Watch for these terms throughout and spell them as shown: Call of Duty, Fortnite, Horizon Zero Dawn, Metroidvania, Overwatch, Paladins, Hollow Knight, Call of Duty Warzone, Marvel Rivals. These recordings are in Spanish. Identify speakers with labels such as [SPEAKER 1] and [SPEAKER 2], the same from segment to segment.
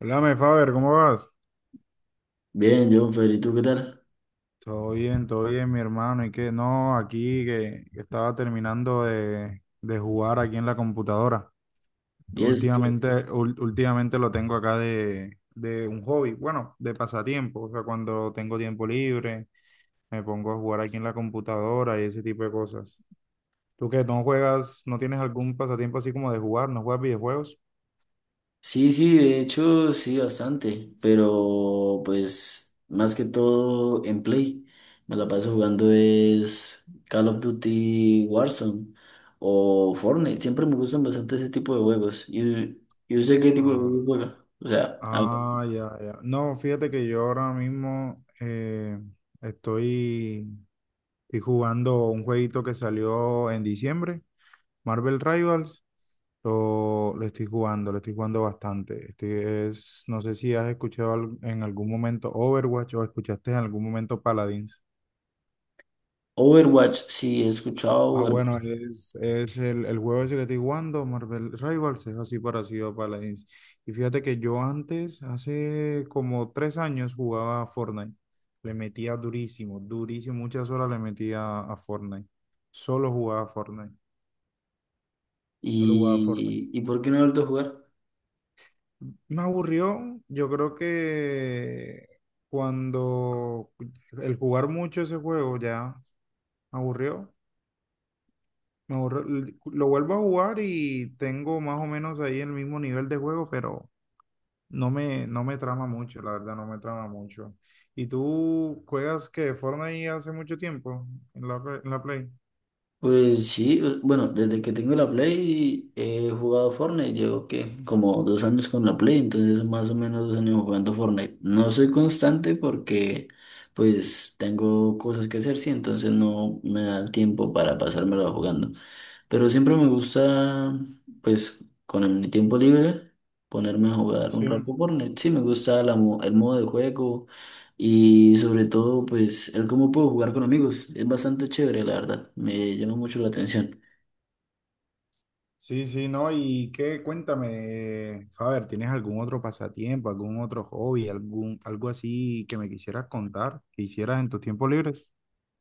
[SPEAKER 1] Hola, Faber, ¿cómo vas?
[SPEAKER 2] Bien, John Fer, ¿y tú qué tal?
[SPEAKER 1] Todo bien, mi hermano. ¿Y qué? No, aquí que estaba terminando de jugar aquí en la computadora.
[SPEAKER 2] ¿Y eso qué?
[SPEAKER 1] Últimamente lo tengo acá de un hobby, bueno, de pasatiempo. O sea, cuando tengo tiempo libre, me pongo a jugar aquí en la computadora y ese tipo de cosas. ¿Tú qué? ¿No juegas? ¿No tienes algún pasatiempo así como de jugar? ¿No juegas videojuegos?
[SPEAKER 2] Sí, sí, de hecho, sí, bastante, pero pues más que todo en Play. Me la paso jugando es Call of Duty Warzone o Fortnite. Siempre me gustan bastante ese tipo de juegos. Y yo sé qué tipo de juegos
[SPEAKER 1] Ah,
[SPEAKER 2] juega. O sea, a ver,
[SPEAKER 1] ah, ya, ya. No, fíjate que yo ahora mismo estoy. Estoy jugando un jueguito que salió en diciembre, Marvel Rivals. Lo estoy jugando, lo estoy jugando bastante. Este es, no sé si has escuchado en algún momento Overwatch o escuchaste en algún momento Paladins.
[SPEAKER 2] Overwatch, sí, he escuchado
[SPEAKER 1] Ah, bueno,
[SPEAKER 2] Overwatch.
[SPEAKER 1] es el juego ese que estoy jugando, Marvel Rivals, es así parecido a Paladins. Y fíjate que yo antes, hace como 3 años, jugaba a Fortnite. Le metía durísimo, durísimo, muchas horas le metía a Fortnite. Solo jugaba a Fortnite. Yo lo jugaba Fortnite.
[SPEAKER 2] ¿Y por qué no he vuelto a jugar?
[SPEAKER 1] Me aburrió, yo creo que cuando el jugar mucho ese juego ya me aburrió. Me aburrió. Lo vuelvo a jugar y tengo más o menos ahí el mismo nivel de juego, pero no me trama mucho, la verdad, no me trama mucho. ¿Y tú juegas que Fortnite hace mucho tiempo en en la Play?
[SPEAKER 2] Pues sí, bueno, desde que tengo la Play he jugado Fortnite, llevo que como dos años con la Play, entonces más o menos 2 años jugando Fortnite. No soy constante porque pues tengo cosas que hacer, sí, entonces no me da el tiempo para pasármelo jugando. Pero siempre me gusta, pues con mi tiempo libre, ponerme a jugar un
[SPEAKER 1] Sí.
[SPEAKER 2] rato Fortnite. Sí, me gusta la el modo de juego. Y sobre todo, pues, el cómo puedo jugar con amigos. Es bastante chévere, la verdad. Me llama mucho la atención.
[SPEAKER 1] Sí, sí, no, y qué, cuéntame, Faber, ¿tienes algún otro pasatiempo, algún otro hobby, algún, algo así que me quisieras contar, que hicieras en tus tiempos libres?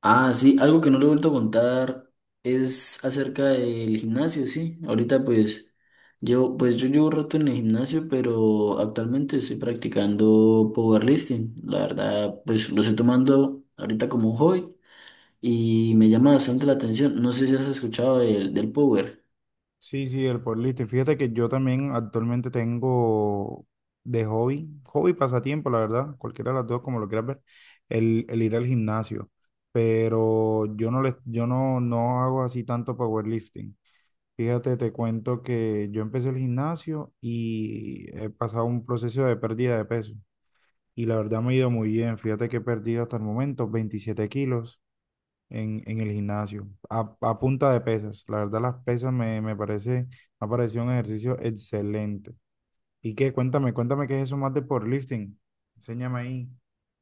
[SPEAKER 2] Ah, sí, algo que no le he vuelto a contar es acerca del gimnasio, sí. Ahorita, pues, yo llevo rato en el gimnasio, pero actualmente estoy practicando powerlifting. La verdad, pues, lo estoy tomando ahorita como un hobby y me llama bastante la atención. No sé si has escuchado del power.
[SPEAKER 1] Sí, sí, el powerlifting. Fíjate que yo también actualmente tengo de hobby y pasatiempo, la verdad, cualquiera de las dos, como lo quieras ver, el ir al gimnasio. Pero yo no hago así tanto powerlifting. Fíjate, te cuento que yo empecé el gimnasio y he pasado un proceso de pérdida de peso. Y la verdad me ha ido muy bien. Fíjate que he perdido hasta el momento 27 kilos en el gimnasio, a punta de pesas. La verdad las pesas me, me parece, me ha parecido un ejercicio excelente. ¿Y qué? Cuéntame, cuéntame qué es eso más de powerlifting. Enséñame ahí.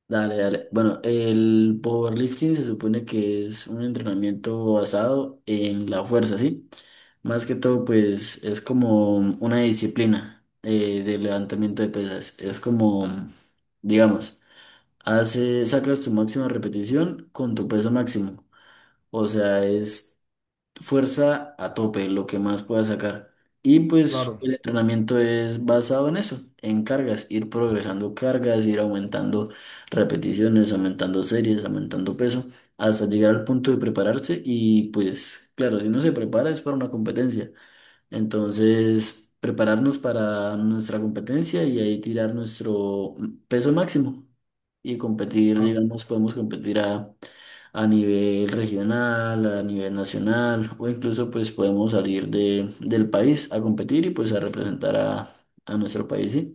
[SPEAKER 2] Dale, dale. Bueno, el powerlifting se supone que es un entrenamiento basado en la fuerza, ¿sí? Más que todo, pues es como una disciplina de levantamiento de pesas. Es como, digamos, hace, sacas tu máxima repetición con tu peso máximo. O sea, es fuerza a tope, lo que más pueda sacar. Y pues
[SPEAKER 1] Claro.
[SPEAKER 2] el entrenamiento es basado en eso, en cargas, ir progresando cargas, ir aumentando repeticiones, aumentando series, aumentando peso, hasta llegar al punto de prepararse. Y pues claro, si no se prepara es para una competencia. Entonces, prepararnos para nuestra competencia y ahí tirar nuestro peso máximo y competir,
[SPEAKER 1] Ah,
[SPEAKER 2] digamos, podemos competir a nivel regional, a nivel nacional o incluso pues podemos salir del país a competir y pues a representar a nuestro país, ¿sí?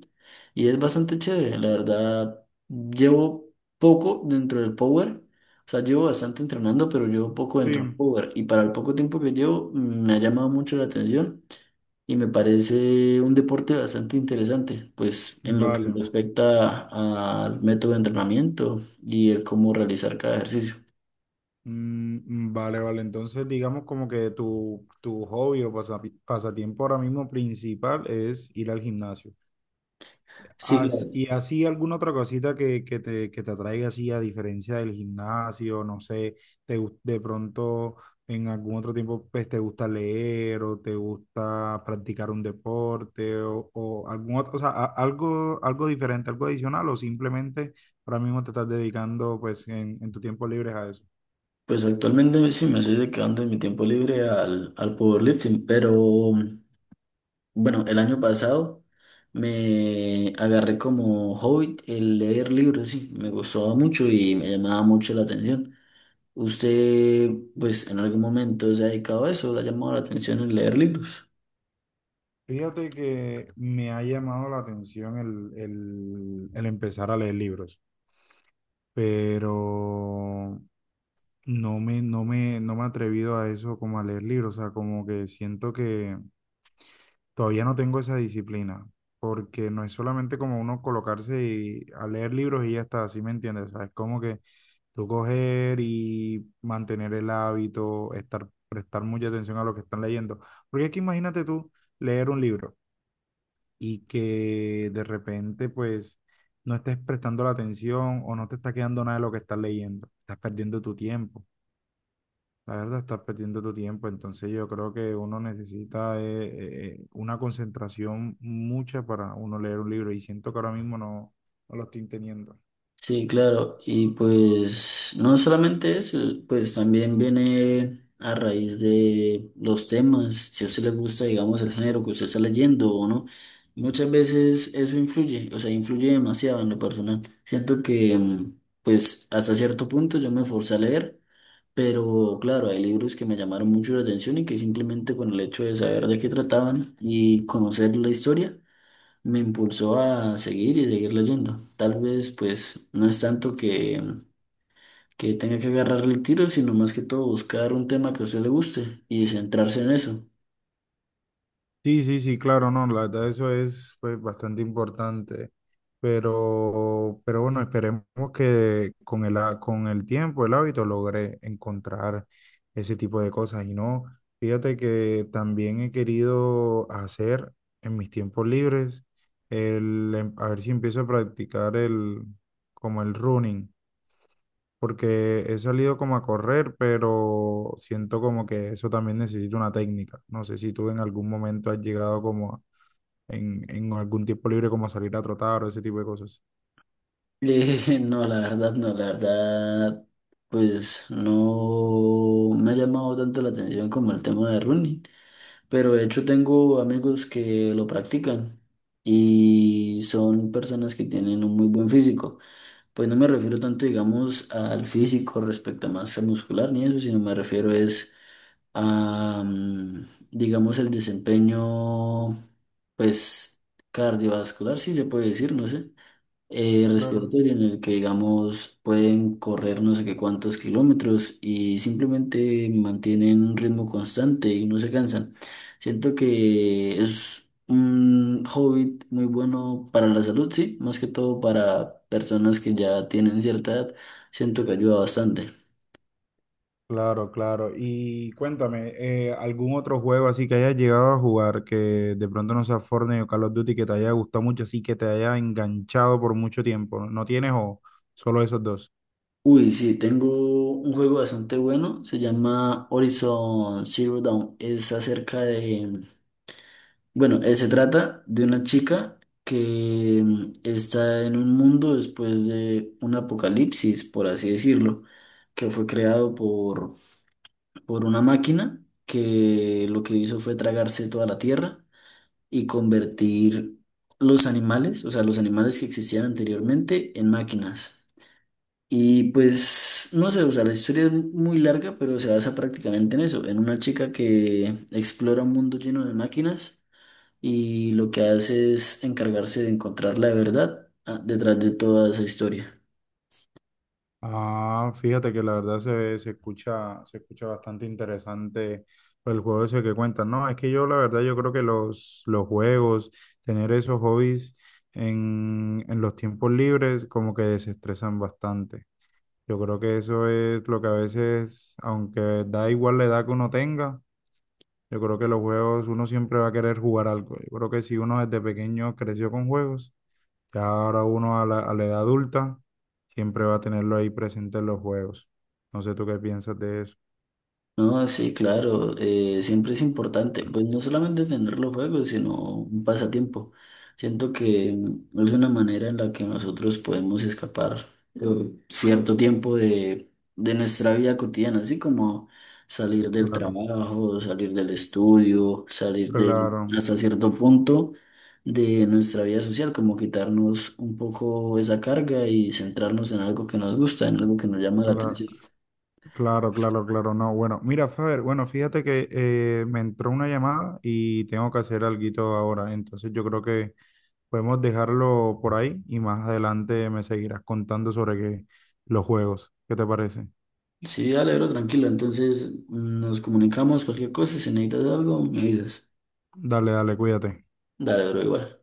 [SPEAKER 2] Y es bastante chévere, la verdad, llevo poco dentro del Power. O sea, llevo bastante entrenando, pero llevo poco dentro
[SPEAKER 1] sí,
[SPEAKER 2] del power. Y para el poco tiempo que llevo, me ha llamado mucho la atención y me parece un deporte bastante interesante, pues en lo que
[SPEAKER 1] vale.
[SPEAKER 2] respecta al método de entrenamiento y el cómo realizar cada ejercicio.
[SPEAKER 1] Mm, vale, vale. Entonces, digamos como que tu hobby o pasatiempo ahora mismo principal es ir al gimnasio.
[SPEAKER 2] Sí, claro.
[SPEAKER 1] Y así alguna otra cosita que te atraiga así a diferencia del gimnasio, no sé, te, de pronto en algún otro tiempo pues te gusta leer o te gusta practicar un deporte o algún otro, o sea, algo, algo diferente, algo adicional o simplemente ahora mismo te estás dedicando pues en tu tiempo libre a eso.
[SPEAKER 2] Pues actualmente sí me estoy dedicando en mi tiempo libre al powerlifting, pero bueno, el año pasado me agarré como hobby el leer libros, sí, me gustaba mucho y me llamaba mucho la atención. ¿Usted, pues, en algún momento se ha dedicado a eso? ¿Le ha llamado la atención el leer libros?
[SPEAKER 1] Fíjate que me ha llamado la atención el empezar a leer libros, pero... no me he atrevido a eso como a leer libros, o sea, como que siento que todavía no tengo esa disciplina, porque no es solamente como uno colocarse y a leer libros y ya está, ¿sí me entiendes? O sea, es como que tú coger y mantener el hábito, estar, prestar mucha atención a lo que están leyendo, porque es que imagínate tú leer un libro y que de repente pues no estés prestando la atención o no te está quedando nada de lo que estás leyendo, estás perdiendo tu tiempo. La verdad, estás perdiendo tu tiempo, entonces yo creo que uno necesita una concentración mucha para uno leer un libro y siento que ahora mismo no lo estoy teniendo.
[SPEAKER 2] Sí, claro. Y pues no solamente eso, pues también viene a raíz de los temas, si a usted le gusta, digamos, el género que usted está leyendo o no. Muchas veces eso influye, o sea, influye demasiado en lo personal. Siento que, pues, hasta cierto punto yo me forcé a leer, pero claro, hay libros que me llamaron mucho la atención y que simplemente con el hecho de saber de qué trataban y conocer la historia, me impulsó a seguir y seguir leyendo. Tal vez, pues, no es tanto que tenga que agarrarle el tiro, sino más que todo buscar un tema que a usted le guste y centrarse en eso.
[SPEAKER 1] Sí, sí, sí, claro, no, la verdad eso es pues bastante importante, pero bueno, esperemos que con con el tiempo, el hábito, logre encontrar ese tipo de cosas. Y no, fíjate que también he querido hacer en mis tiempos libres, a ver si empiezo a practicar como el running porque he salido como a correr, pero siento como que eso también necesita una técnica. No sé si tú en algún momento has llegado en algún tiempo libre como a salir a trotar o ese tipo de cosas.
[SPEAKER 2] No, la verdad, no, la verdad, pues no me ha llamado tanto la atención como el tema de running, pero de hecho tengo amigos que lo practican y son personas que tienen un muy buen físico. Pues no me refiero tanto, digamos, al físico respecto a masa muscular ni eso, sino me refiero es a, mm, digamos, el desempeño, pues, cardiovascular, si se puede decir, no sé
[SPEAKER 1] Claro.
[SPEAKER 2] respiratorio en el que, digamos, pueden correr no sé qué cuántos kilómetros y simplemente mantienen un ritmo constante y no se cansan. Siento que es un hobby muy bueno para la salud, sí, más que todo para personas que ya tienen cierta edad. Siento que ayuda bastante.
[SPEAKER 1] Claro, claro. Y cuéntame, ¿algún otro juego así que hayas llegado a jugar que de pronto no sea Fortnite o Call of Duty que te haya gustado mucho, así que te haya enganchado por mucho tiempo? ¿No tienes o solo esos dos?
[SPEAKER 2] Uy, sí, tengo un juego bastante bueno, se llama Horizon Zero Dawn, es acerca de bueno, se trata de una chica que está en un mundo después de un apocalipsis, por así decirlo, que fue creado por una máquina que lo que hizo fue tragarse toda la tierra y convertir los animales, o sea, los animales que existían anteriormente, en máquinas. Y pues, no sé, o sea, la historia es muy larga, pero se basa prácticamente en eso, en una chica que explora un mundo lleno de máquinas y lo que hace es encargarse de encontrar la verdad ah, detrás de toda esa historia.
[SPEAKER 1] Ah, fíjate que la verdad se escucha bastante interesante pues, el juego ese que cuentan. No, es que yo la verdad yo creo que los juegos, tener esos hobbies en los tiempos libres como que desestresan bastante. Yo creo que eso es lo que a veces, aunque da igual la edad que uno tenga, yo creo que los juegos uno siempre va a querer jugar algo. Yo creo que si uno desde pequeño creció con juegos, ya ahora uno a a la edad adulta siempre va a tenerlo ahí presente en los juegos. No sé tú qué piensas de eso.
[SPEAKER 2] No, sí, claro, siempre es importante, pues no solamente tener los juegos, sino un pasatiempo. Siento que es una manera en la que nosotros podemos escapar eh, cierto tiempo de nuestra vida cotidiana, así como salir del
[SPEAKER 1] Claro,
[SPEAKER 2] trabajo, salir del estudio, salir de,
[SPEAKER 1] claro,
[SPEAKER 2] hasta cierto punto de nuestra vida social, como quitarnos un poco esa carga y centrarnos en algo que nos gusta, en algo que nos llama la
[SPEAKER 1] claro,
[SPEAKER 2] atención.
[SPEAKER 1] claro, claro, claro, no. Bueno, mira, Faber, bueno, fíjate que me entró una llamada y tengo que hacer alguito ahora. Entonces yo creo que podemos dejarlo por ahí y más adelante me seguirás contando sobre los juegos. ¿Qué te parece?
[SPEAKER 2] Sí, dale, bro, tranquilo. Entonces nos comunicamos, cualquier cosa, si necesitas algo, me dices.
[SPEAKER 1] Dale, dale, cuídate.
[SPEAKER 2] Dale, bro, igual.